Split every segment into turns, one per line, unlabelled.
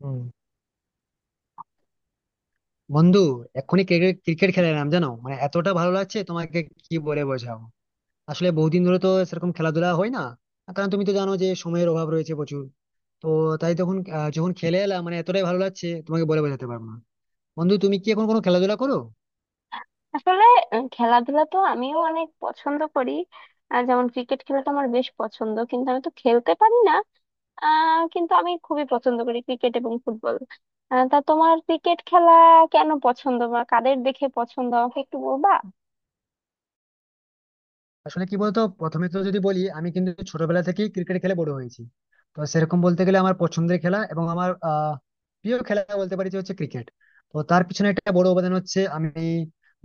হুম। বন্ধু, এক্ষুনি cricket cricket খেলে এলাম, জানো? মানে এতটা ভালো লাগছে, তোমাকে কি বলে বোঝাবো। আসলে বহুদিন ধরে তো সেরকম খেলাধুলা হয় না, কারণ তুমি তো জানো যে সময়ের অভাব রয়েছে প্রচুর। তো, তাই তখন যখন খেলে এলাম, মানে এতটাই ভালো লাগছে তোমাকে বলে বোঝাতে পারবো না। বন্ধু, তুমি কি এখন কোনো খেলাধুলা করো?
আসলে খেলাধুলা তো আমিও অনেক পছন্দ করি। যেমন ক্রিকেট খেলাটা আমার বেশ পছন্দ, কিন্তু আমি তো খেলতে পারি না। কিন্তু আমি খুবই পছন্দ করি ক্রিকেট এবং ফুটবল। তা তোমার ক্রিকেট খেলা কেন পছন্দ বা কাদের দেখে পছন্দ আমাকে একটু বলবা?
আসলে কি বলতো, প্রথমে তো যদি বলি, আমি কিন্তু ছোটবেলা থেকেই ক্রিকেট খেলে বড় হয়েছি। তো সেরকম বলতে গেলে আমার পছন্দের খেলা এবং আমার প্রিয় খেলা বলতে পারি, যে হচ্ছে ক্রিকেট। তো তার পিছনে একটা বড় অবদান হচ্ছে, আমি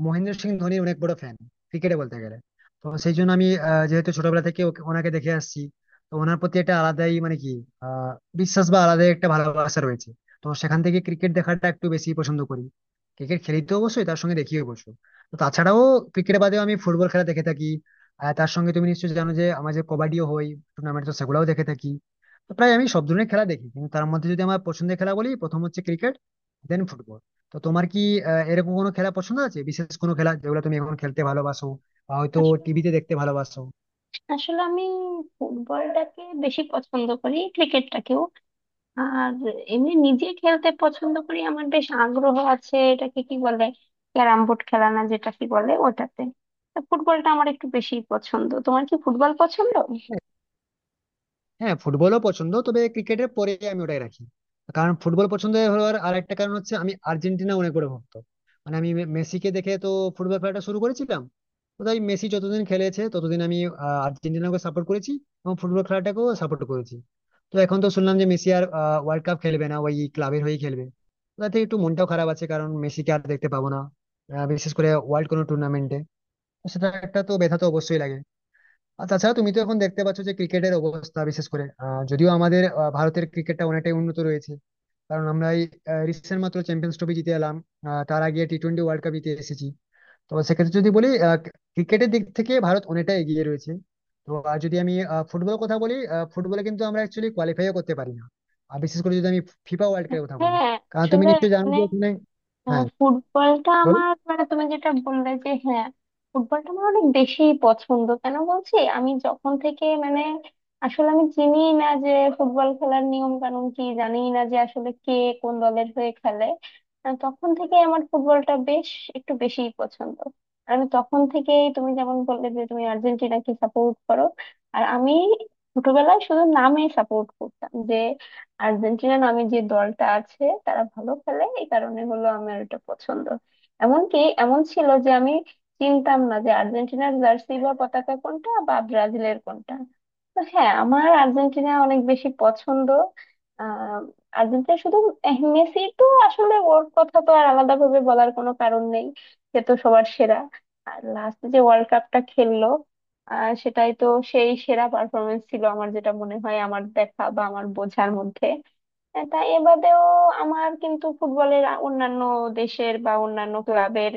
মহেন্দ্র সিং ধোনির অনেক বড় ফ্যান, ক্রিকেটে বলতে গেলে। তো সেই জন্য আমি যেহেতু ছোটবেলা থেকে ওনাকে দেখে আসছি, তো ওনার প্রতি একটা আলাদাই, মানে কি, আহ, বিশ্বাস বা আলাদাই একটা ভালোবাসা রয়েছে। তো সেখান থেকে ক্রিকেট দেখাটা একটু বেশি পছন্দ করি। ক্রিকেট খেলি তো অবশ্যই, তার সঙ্গে দেখিও অবশ্য। তো তাছাড়াও ক্রিকেট বাদেও আমি ফুটবল খেলা দেখে থাকি। আর তার সঙ্গে তুমি নিশ্চয়ই জানো যে আমার যে কবাডিও হয় টুর্নামেন্ট, তো সেগুলাও দেখে থাকি। তো প্রায় আমি সব ধরনের খেলা দেখি, কিন্তু তার মধ্যে যদি আমার পছন্দের খেলা বলি, প্রথম হচ্ছে ক্রিকেট, দেন ফুটবল। তো তোমার কি এরকম কোনো খেলা পছন্দ আছে, বিশেষ কোনো খেলা যেগুলো তুমি এখন খেলতে ভালোবাসো বা হয়তো
আসলে
টিভিতে দেখতে ভালোবাসো?
আসলে আমি ফুটবলটাকে বেশি পছন্দ করি, ক্রিকেটটাকেও। আর এমনি নিজে খেলতে পছন্দ করি, আমার বেশ আগ্রহ আছে। এটাকে কি বলে, ক্যারাম বোর্ড খেলা না, যেটা কি বলে ওটাতে। তা ফুটবলটা আমার একটু বেশি পছন্দ, তোমার কি ফুটবল পছন্দ?
হ্যাঁ। হ্যাঁ, ফুটবলও পছন্দ, তবে ক্রিকেটের পরে আমি ওটাই রাখি। কারণ ফুটবল পছন্দ হওয়ার আর একটা কারণ হচ্ছে আমি আর্জেন্টিনা অনেক বড় ভক্ত। মানে আমি মেসিকে দেখে তো ফুটবল খেলাটা শুরু করেছিলাম। তো তাই মেসি যতদিন খেলেছে ততদিন আমি আর্জেন্টিনাকে সাপোর্ট করেছি এবং ফুটবল খেলাটাকেও সাপোর্ট করেছি। তো এখন তো শুনলাম যে মেসি আর ওয়ার্ল্ড কাপ খেলবে না, ওই ক্লাবের হয়েই খেলবে। তাতে একটু মনটাও খারাপ আছে, কারণ মেসিকে আর দেখতে পাবো না, বিশেষ করে ওয়ার্ল্ড কোনো টুর্নামেন্টে। তো সেটা একটা তো ব্যথা তো অবশ্যই লাগে। আর তাছাড়া তুমি তো এখন দেখতে পাচ্ছ যে ক্রিকেটের অবস্থা, বিশেষ করে যদিও আমাদের ভারতের ক্রিকেটটা অনেকটাই উন্নত রয়েছে, কারণ আমরা এই রিসেন্ট মাত্র চ্যাম্পিয়ন্স ট্রফি জিতে এলাম। তার আগে T20 ওয়ার্ল্ড কাপ জিতে এসেছি। তো সেক্ষেত্রে যদি বলি, ক্রিকেটের দিক থেকে ভারত অনেকটা এগিয়ে রয়েছে। তো আর যদি আমি ফুটবলের কথা বলি, ফুটবলে কিন্তু আমরা অ্যাকচুয়ালি কোয়ালিফাইও করতে পারি না। আর বিশেষ করে যদি আমি ফিফা ওয়ার্ল্ড কাপের কথা বলি,
হ্যাঁ।
কারণ তুমি
আসলে
নিশ্চয়ই জানো
মানে
যে ওখানে, হ্যাঁ
ফুটবলটা
বলো।
আমার, মানে তুমি যেটা বললে যে, হ্যাঁ ফুটবলটা আমার অনেক বেশি পছন্দ। কেন বলছি, আমি যখন থেকে মানে আসলে আমি চিনি না যে ফুটবল খেলার নিয়ম কানুন কি, জানি না যে আসলে কে কোন দলের হয়ে খেলে। তখন থেকে আমার ফুটবলটা বেশ একটু বেশিই পছন্দ। আর আমি তখন থেকেই, তুমি যেমন বললে যে তুমি আর্জেন্টিনাকে সাপোর্ট করো, আর আমি ছোটবেলায় শুধু নামে সাপোর্ট করতাম যে আর্জেন্টিনা নামে যে দলটা আছে তারা ভালো খেলে, এই কারণে হলো আমার এটা পছন্দ। এমনকি এমন ছিল যে আমি চিনতাম না যে আর্জেন্টিনার জার্সি বা পতাকা কোনটা বা ব্রাজিলের কোনটা। তো হ্যাঁ, আমার আর্জেন্টিনা অনেক বেশি পছন্দ। আহ আর্জেন্টিনা শুধু। মেসি তো, আসলে ওর কথা তো আর আলাদা ভাবে বলার কোনো কারণ নেই, সে তো সবার সেরা। আর লাস্ট যে ওয়ার্ল্ড কাপটা খেললো, সেটাই তো সেই সেরা পারফরমেন্স ছিল, আমার যেটা মনে হয় আমার দেখা বা আমার বোঝার মধ্যে। তা এ বাদেও আমার কিন্তু ফুটবলের অন্যান্য দেশের বা অন্যান্য ক্লাবের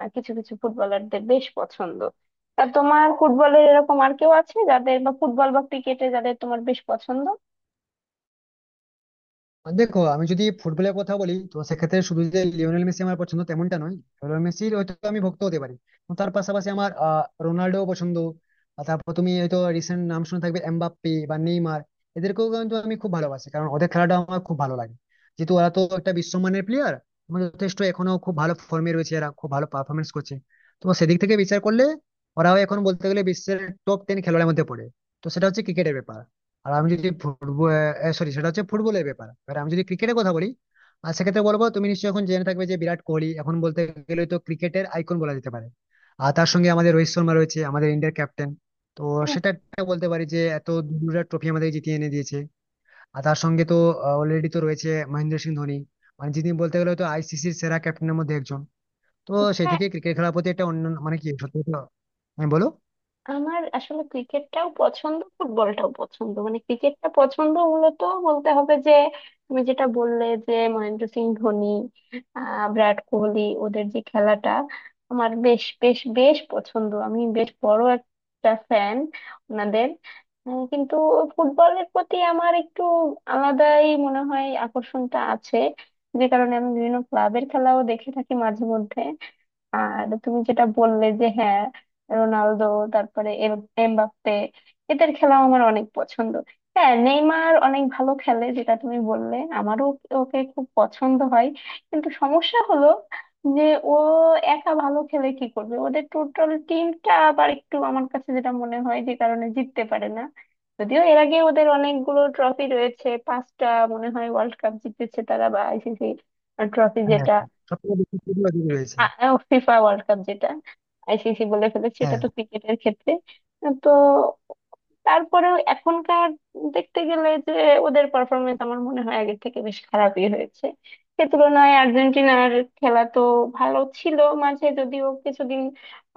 কিছু কিছু ফুটবলারদের বেশ পছন্দ। তা তোমার ফুটবলের এরকম আর কেউ আছে যাদের, বা ফুটবল বা ক্রিকেটে যাদের তোমার বেশ পছন্দ?
মানে দেখো, আমি যদি ফুটবলের কথা বলি, তো সেক্ষেত্রে শুধু যে লিওনেল মেসি আমার পছন্দ তেমনটা নয়, লিওনেল মেসির হয়তো আমি ভক্ত হতে পারি, কিন্তু তার পাশাপাশি আমার রোনাল্ডো পছন্দ। আর তারপর তুমি হয়তো রিসেন্ট নাম শুনে থাকবে এমবাপ্পে বা নেইমার, এদেরকেও কিন্তু আমি খুব ভালোবাসি কারণ ওদের খেলাটা আমার খুব ভালো লাগে। যেহেতু ওরা তো একটা বিশ্বমানের প্লেয়ার, যথেষ্ট এখনো খুব ভালো ফর্মে রয়েছে, এরা খুব ভালো পারফরমেন্স করছে। তো সেদিক থেকে বিচার করলে, ওরাও এখন বলতে গেলে বিশ্বের টপ টেন খেলোয়াড়ের মধ্যে পড়ে। তো সেটা হচ্ছে ক্রিকেটের ব্যাপার। আর আমি যদি ফুটবল, সরি, সেটা হচ্ছে ফুটবলের ব্যাপার। এবার আমি যদি ক্রিকেটের কথা বলি, আর সেক্ষেত্রে বলবো তুমি নিশ্চয়ই এখন জেনে থাকবে যে বিরাট কোহলি এখন বলতে গেলে তো ক্রিকেটের আইকন বলা যেতে পারে। আর তার সঙ্গে আমাদের রোহিত শর্মা রয়েছে, আমাদের ইন্ডিয়ার ক্যাপ্টেন। তো সেটা একটা বলতে পারি যে এত দুটা ট্রফি আমাদের জিতিয়ে এনে দিয়েছে। আর তার সঙ্গে তো অলরেডি তো রয়েছে মহেন্দ্র সিং ধোনি, মানে যিনি বলতে গেলে তো আইসিসির সেরা ক্যাপ্টেনের মধ্যে একজন। তো সেই
হ্যাঁ,
থেকে ক্রিকেট খেলার প্রতি একটা অন্য, মানে কি, সত্যি কথা- হ্যাঁ বলো।
আমার আসলে ক্রিকেটটাও পছন্দ, ফুটবলটাও পছন্দ। মানে ক্রিকেটটা পছন্দ, মূলত বলতে হবে যে তুমি যেটা বললে যে মহেন্দ্র সিং ধোনি, বিরাট কোহলি, ওদের যে খেলাটা আমার বেশ বেশ বেশ পছন্দ। আমি বেশ বড় একটা ফ্যান ওনাদের। কিন্তু ফুটবলের প্রতি আমার একটু আলাদাই মনে হয় আকর্ষণটা আছে, যে কারণে আমি বিভিন্ন ক্লাবের খেলাও দেখে থাকি মাঝে মধ্যে। আর তুমি যেটা বললে যে হ্যাঁ, রোনালদো, তারপরে এমবাপ্পে, এদের খেলাও আমার অনেক পছন্দ। হ্যাঁ, নেইমার অনেক ভালো খেলে, যেটা তুমি বললে, আমারও ওকে খুব পছন্দ হয়। কিন্তু সমস্যা হলো যে ও একা ভালো খেলে কি করবে, ওদের টোটাল টিমটা আবার একটু আমার কাছে যেটা মনে হয়, যে কারণে জিততে পারে না। যদিও এর আগে ওদের অনেকগুলো ট্রফি রয়েছে, পাঁচটা মনে হয় ওয়ার্ল্ড কাপ জিতেছে তারা, বা আইসিসি ট্রফি
হ্যাঁ,
যেটা,
সব থেকে বেশি প্রিয় অধিকারী রয়েছে।
ফিফা ওয়ার্ল্ড কাপ যেটা, আইসিসি বলে ফেলেছে, এটা
হ্যাঁ।
তো ক্রিকেটের ক্ষেত্রে। তো তারপরেও এখনকার দেখতে গেলে যে ওদের পারফরমেন্স আমার মনে হয় আগের থেকে বেশ খারাপই হয়েছে। সে তুলনায় আর্জেন্টিনার খেলা তো ভালো ছিল। মাঝে যদিও কিছুদিন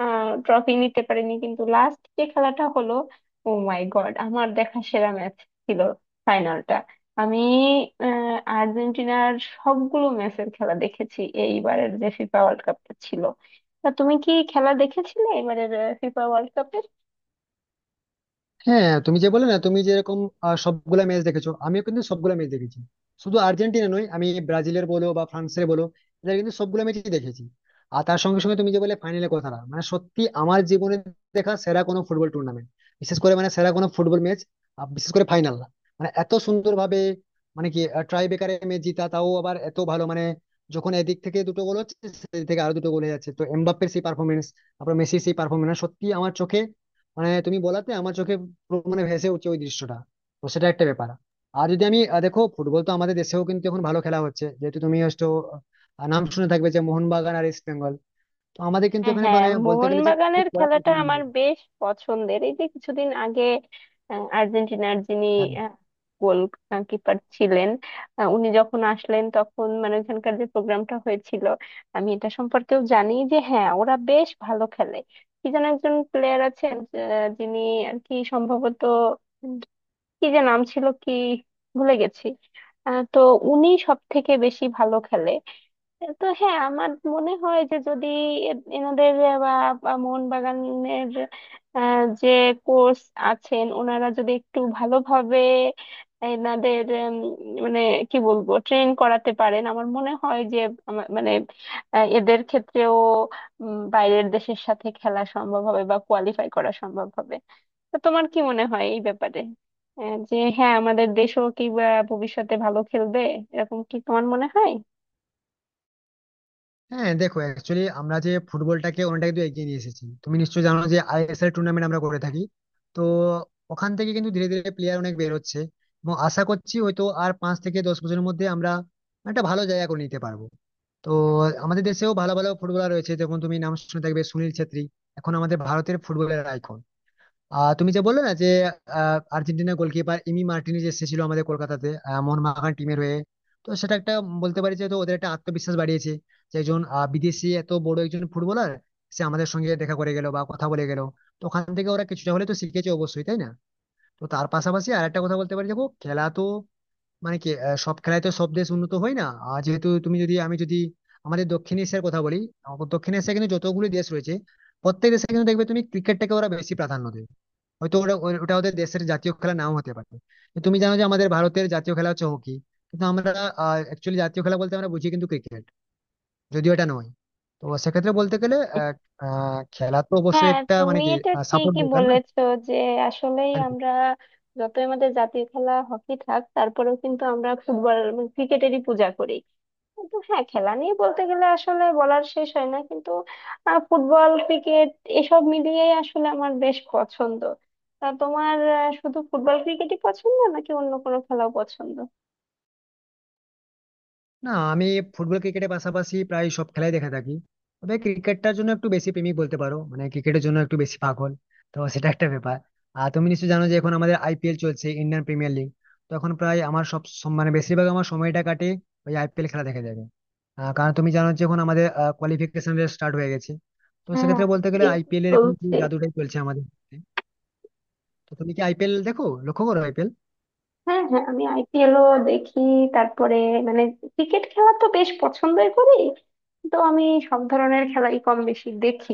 ট্রফি নিতে পারেনি, কিন্তু লাস্ট যে খেলাটা হলো, ও মাই গড, আমার দেখা সেরা ম্যাচ ছিল ফাইনালটা। আমি আর্জেন্টিনার সবগুলো ম্যাচের খেলা দেখেছি এইবারের যে ফিফা ওয়ার্ল্ড কাপটা ছিল। তা তুমি কি খেলা দেখেছিলে এবারের ফিফা ওয়ার্ল্ড কাপ?
হ্যাঁ, তুমি যে বলে না, তুমি যেরকম সবগুলা ম্যাচ দেখেছো, আমিও কিন্তু সবগুলা ম্যাচ দেখেছি। শুধু আর্জেন্টিনা নয়, আমি ব্রাজিলের বলো বা ফ্রান্সের বলো, এদের কিন্তু সবগুলা ম্যাচই দেখেছি। আর তার সঙ্গে সঙ্গে তুমি যে বলে ফাইনালের কথাটা, মানে সত্যি আমার জীবনে দেখা সেরা কোনো ফুটবল টুর্নামেন্ট, বিশেষ করে মানে সেরা কোনো ফুটবল ম্যাচ, বিশেষ করে ফাইনাল। মানে এত সুন্দর ভাবে, মানে কি, ট্রাই বেকারে ম্যাচ জিতা, তাও আবার এত ভালো, মানে যখন এদিক থেকে দুটো গোল হচ্ছে, সেদিক থেকে আরো দুটো গোল হয়ে যাচ্ছে, তো এমবাপ্পের সেই পারফরমেন্স, তারপর মেসির সেই পারফরমেন্স, সত্যি আমার চোখে, মানে তুমি বলাতে আমার চোখে পুরো মানে ভেসে উঠছে ওই দৃশ্যটা। তো সেটা একটা ব্যাপার। আর যদি আমি দেখো ফুটবল তো আমাদের দেশেও কিন্তু এখন ভালো খেলা হচ্ছে। যেহেতু তুমি হয়তো নাম শুনে থাকবে যে মোহনবাগান আর ইস্ট বেঙ্গল। তো আমাদের কিন্তু
হ্যাঁ
এখানে
হ্যাঁ,
মানে বলতে গেলে যে খুব
মোহনবাগানের
কড়া
খেলাটা আমার
প্রতিদ্বন্দ্বিতা।
বেশ পছন্দের। এই যে কিছুদিন আগে আর্জেন্টিনার যিনি
হ্যাঁ
গোল কিপার ছিলেন, উনি যখন আসলেন, তখন মানে ওখানকার যে প্রোগ্রামটা হয়েছিল, আমি এটা সম্পর্কেও জানি যে হ্যাঁ, ওরা বেশ ভালো খেলে। কি যেন একজন প্লেয়ার আছেন যিনি, আর কি সম্ভবত উম, কি যে নাম ছিল কি, ভুলে গেছি। তো উনি সব থেকে বেশি ভালো খেলে। তো হ্যাঁ, আমার মনে হয় যে যদি এনাদের বা, বা মোহনবাগানের যে কোচ আছেন, ওনারা যদি একটু ভালোভাবে এনাদের মানে কি বলবো, ট্রেন করাতে পারেন, আমার মনে হয় যে আমার মানে এদের ক্ষেত্রেও বাইরের দেশের সাথে খেলা সম্ভব হবে বা কোয়ালিফাই করা সম্ভব হবে। তো তোমার কি মনে হয় এই ব্যাপারে, যে হ্যাঁ আমাদের দেশও কি বা ভবিষ্যতে ভালো খেলবে, এরকম কি তোমার মনে হয়?
হ্যাঁ দেখো, অ্যাকচুয়ালি আমরা যে ফুটবলটাকে অনেকটা কিন্তু এগিয়ে নিয়ে এসেছি। তুমি নিশ্চয়ই জানো যে আইএসএল টুর্নামেন্ট আমরা করে থাকি। তো ওখান থেকে কিন্তু ধীরে ধীরে প্লেয়ার অনেক বের হচ্ছে, এবং আশা করছি হয়তো আর 5 থেকে 10 বছরের মধ্যে আমরা একটা ভালো জায়গা করে নিতে পারবো। তো আমাদের দেশেও ভালো ভালো ফুটবলার রয়েছে, যেমন তুমি নাম শুনে থাকবে সুনীল ছেত্রী, এখন আমাদের ভারতের ফুটবলের আইকন। তুমি যে বললে না যে আর্জেন্টিনার গোলকিপার ইমি মার্টিনেজ এসেছিল আমাদের কলকাতাতে মোহনবাগান টিমের হয়ে। তো সেটা একটা বলতে পারি যে তো ওদের একটা আত্মবিশ্বাস বাড়িয়েছে, যে একজন বিদেশি এত বড় একজন ফুটবলার সে আমাদের সঙ্গে দেখা করে গেল বা কথা বলে গেল। তো ওখান থেকে ওরা কিছুটা হলে তো শিখেছে অবশ্যই, তাই না? তো তার পাশাপাশি আর একটা কথা বলতে পারি, দেখো খেলা তো মানে কি সব খেলায় তো সব দেশ উন্নত হয় না। আর যেহেতু তুমি যদি, আমি যদি আমাদের দক্ষিণ এশিয়ার কথা বলি, আমাদের দক্ষিণ এশিয়া কিন্তু যতগুলি দেশ রয়েছে, প্রত্যেক দেশে কিন্তু দেখবে তুমি ক্রিকেটটাকে ওরা বেশি প্রাধান্য দেয়। হয়তো ওরা ওটা ওদের দেশের জাতীয় খেলা নাও হতে পারে, কিন্তু তুমি জানো যে আমাদের ভারতের জাতীয় খেলা হচ্ছে হকি, কিন্তু আমরা অ্যাকচুয়ালি জাতীয় খেলা বলতে আমরা বুঝি কিন্তু ক্রিকেট, যদিও এটা নয়। তো সেক্ষেত্রে বলতে গেলে খেলা তো অবশ্যই
হ্যাঁ,
একটা মানে
তুমি
কি
এটা
সাপোর্ট
ঠিকই
দরকার, না?
বলেছো যে আসলেই আমরা, যতই আমাদের জাতীয় খেলা হকি থাক, তারপরেও কিন্তু আমরা ফুটবল এবং ক্রিকেটেরই পূজা করি। কিন্তু হ্যাঁ, খেলা নিয়ে বলতে গেলে আসলে বলার শেষ হয় না। কিন্তু ফুটবল, ক্রিকেট, এসব মিলিয়েই আসলে আমার বেশ পছন্দ। তা তোমার শুধু ফুটবল ক্রিকেটই পছন্দ নাকি অন্য কোনো খেলাও পছন্দ?
না, আমি ফুটবল ক্রিকেটের পাশাপাশি প্রায় সব খেলাই দেখে থাকি, তবে ক্রিকেটটার জন্য একটু বেশি প্রেমিক বলতে পারো, মানে ক্রিকেটের জন্য একটু বেশি পাগল। তো সেটা একটা ব্যাপার। আর তুমি নিশ্চয়ই জানো যে এখন আমাদের আইপিএল চলছে, ইন্ডিয়ান প্রিমিয়ার লিগ। তো এখন প্রায় আমার সব মানে বেশিরভাগ আমার সময়টা কাটে ওই আইপিএল খেলা দেখা যাবে। কারণ তুমি জানো যে এখন আমাদের কোয়ালিফিকেশন রেস স্টার্ট হয়ে গেছে। তো
হ্যাঁ,
সেক্ষেত্রে বলতে গেলে
IPL তো
আইপিএল এর এখন পুরো
চলছে।
জাদুটাই চলছে আমাদের। তো তুমি কি আইপিএল দেখো, লক্ষ্য করো আইপিএল?
হ্যাঁ হ্যাঁ, আমি আইপিএলও দেখি। তারপরে মানে ক্রিকেট খেলা তো বেশ পছন্দই করি। তো আমি সব ধরনের খেলাই কম বেশি দেখি।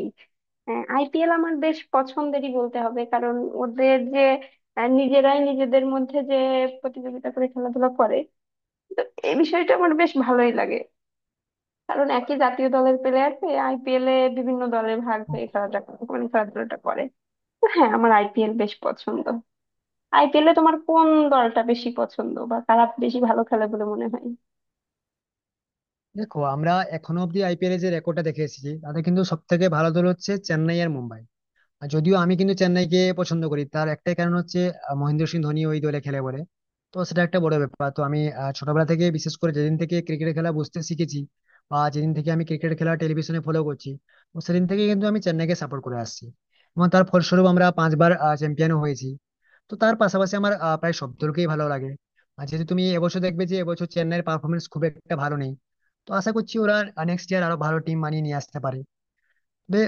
আইপিএল আমার বেশ পছন্দেরই বলতে হবে, কারণ ওদের যে নিজেরাই নিজেদের মধ্যে যে প্রতিযোগিতা করে খেলাধুলা করে, তো এই বিষয়টা আমার বেশ ভালোই লাগে। কারণ একই জাতীয় দলের প্লেয়ারকে আইপিএল এ বিভিন্ন দলে ভাগ হয়ে খেলাটা, মানে খেলাধুলাটা করে। তো হ্যাঁ, আমার আইপিএল বেশ পছন্দ। আইপিএলে তোমার কোন দলটা বেশি পছন্দ বা কারা বেশি ভালো খেলে বলে মনে হয়?
দেখো, আমরা এখনো অব্দি আইপিএল এর যে রেকর্ডটা দেখে এসেছি, তাতে কিন্তু সব থেকে ভালো দল হচ্ছে চেন্নাই আর মুম্বাই। আর যদিও আমি কিন্তু চেন্নাইকে পছন্দ করি, তার একটাই কারণ হচ্ছে মহেন্দ্র সিং ধোনি ওই দলে খেলে বলে। তো সেটা একটা বড় ব্যাপার। তো আমি ছোটবেলা থেকে বিশেষ করে যেদিন থেকে ক্রিকেট খেলা বুঝতে শিখেছি, বা যেদিন থেকে আমি ক্রিকেট খেলা টেলিভিশনে ফলো করছি, তো সেদিন থেকে কিন্তু আমি চেন্নাইকে সাপোর্ট করে আসছি, এবং তার ফলস্বরূপ আমরা পাঁচবার চ্যাম্পিয়নও হয়েছি। তো তার পাশাপাশি আমার প্রায় সব দলকেই ভালো লাগে। আর যেহেতু তুমি এবছর দেখবে যে এবছর চেন্নাইয়ের পারফরমেন্স খুব একটা ভালো নেই, তো আশা করছি ওরা নেক্সট ইয়ার আরো ভালো টিম বানিয়ে নিয়ে আসতে পারে। তবে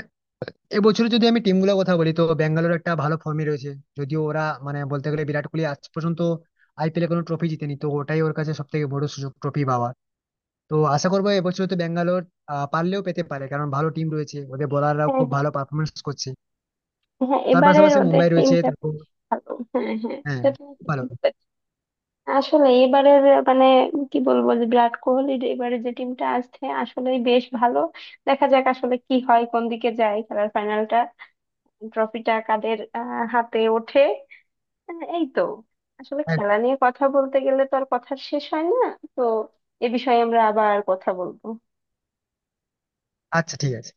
এবছর যদি আমি টিম গুলোর কথা বলি, তো ব্যাঙ্গালোর একটা ভালো ফর্মে রয়েছে, যদিও ওরা মানে বলতে গেলে বিরাট কোহলি আজ পর্যন্ত আইপিএলে কোনো ট্রফি জিতেনি, তো ওটাই ওর কাছে সব থেকে বড় সুযোগ ট্রফি পাওয়ার। তো আশা করবো এবছর তো ব্যাঙ্গালোর পারলেও পেতে পারে, কারণ ভালো টিম রয়েছে, ওদের বোলাররাও
হ্যাঁ
খুব
হ্যাঁ
ভালো পারফরমেন্স করছে।
হ্যাঁ,
তার
এবারের
পাশাপাশি
ওদের
মুম্বাই রয়েছে,
টিমটা
তারপর
বেশ ভালো। হ্যাঁ হ্যাঁ,
হ্যাঁ
এটা তুমি
ভালো।
ঠিকই বলেছো। আসলে এবারের মানে কি বলবো, যে বিরাট কোহলির এবারে যে টিমটা আসছে আসলেই বেশ ভালো। দেখা যাক আসলে কি হয়, কোন দিকে যায় খেলার ফাইনালটা, ট্রফিটা কাদের হাতে ওঠে। এই তো, আসলে
একদম।
খেলা নিয়ে কথা বলতে গেলে তো আর কথার শেষ হয় না। তো এ বিষয়ে আমরা আবার কথা বলবো।
আচ্ছা, ঠিক আছে।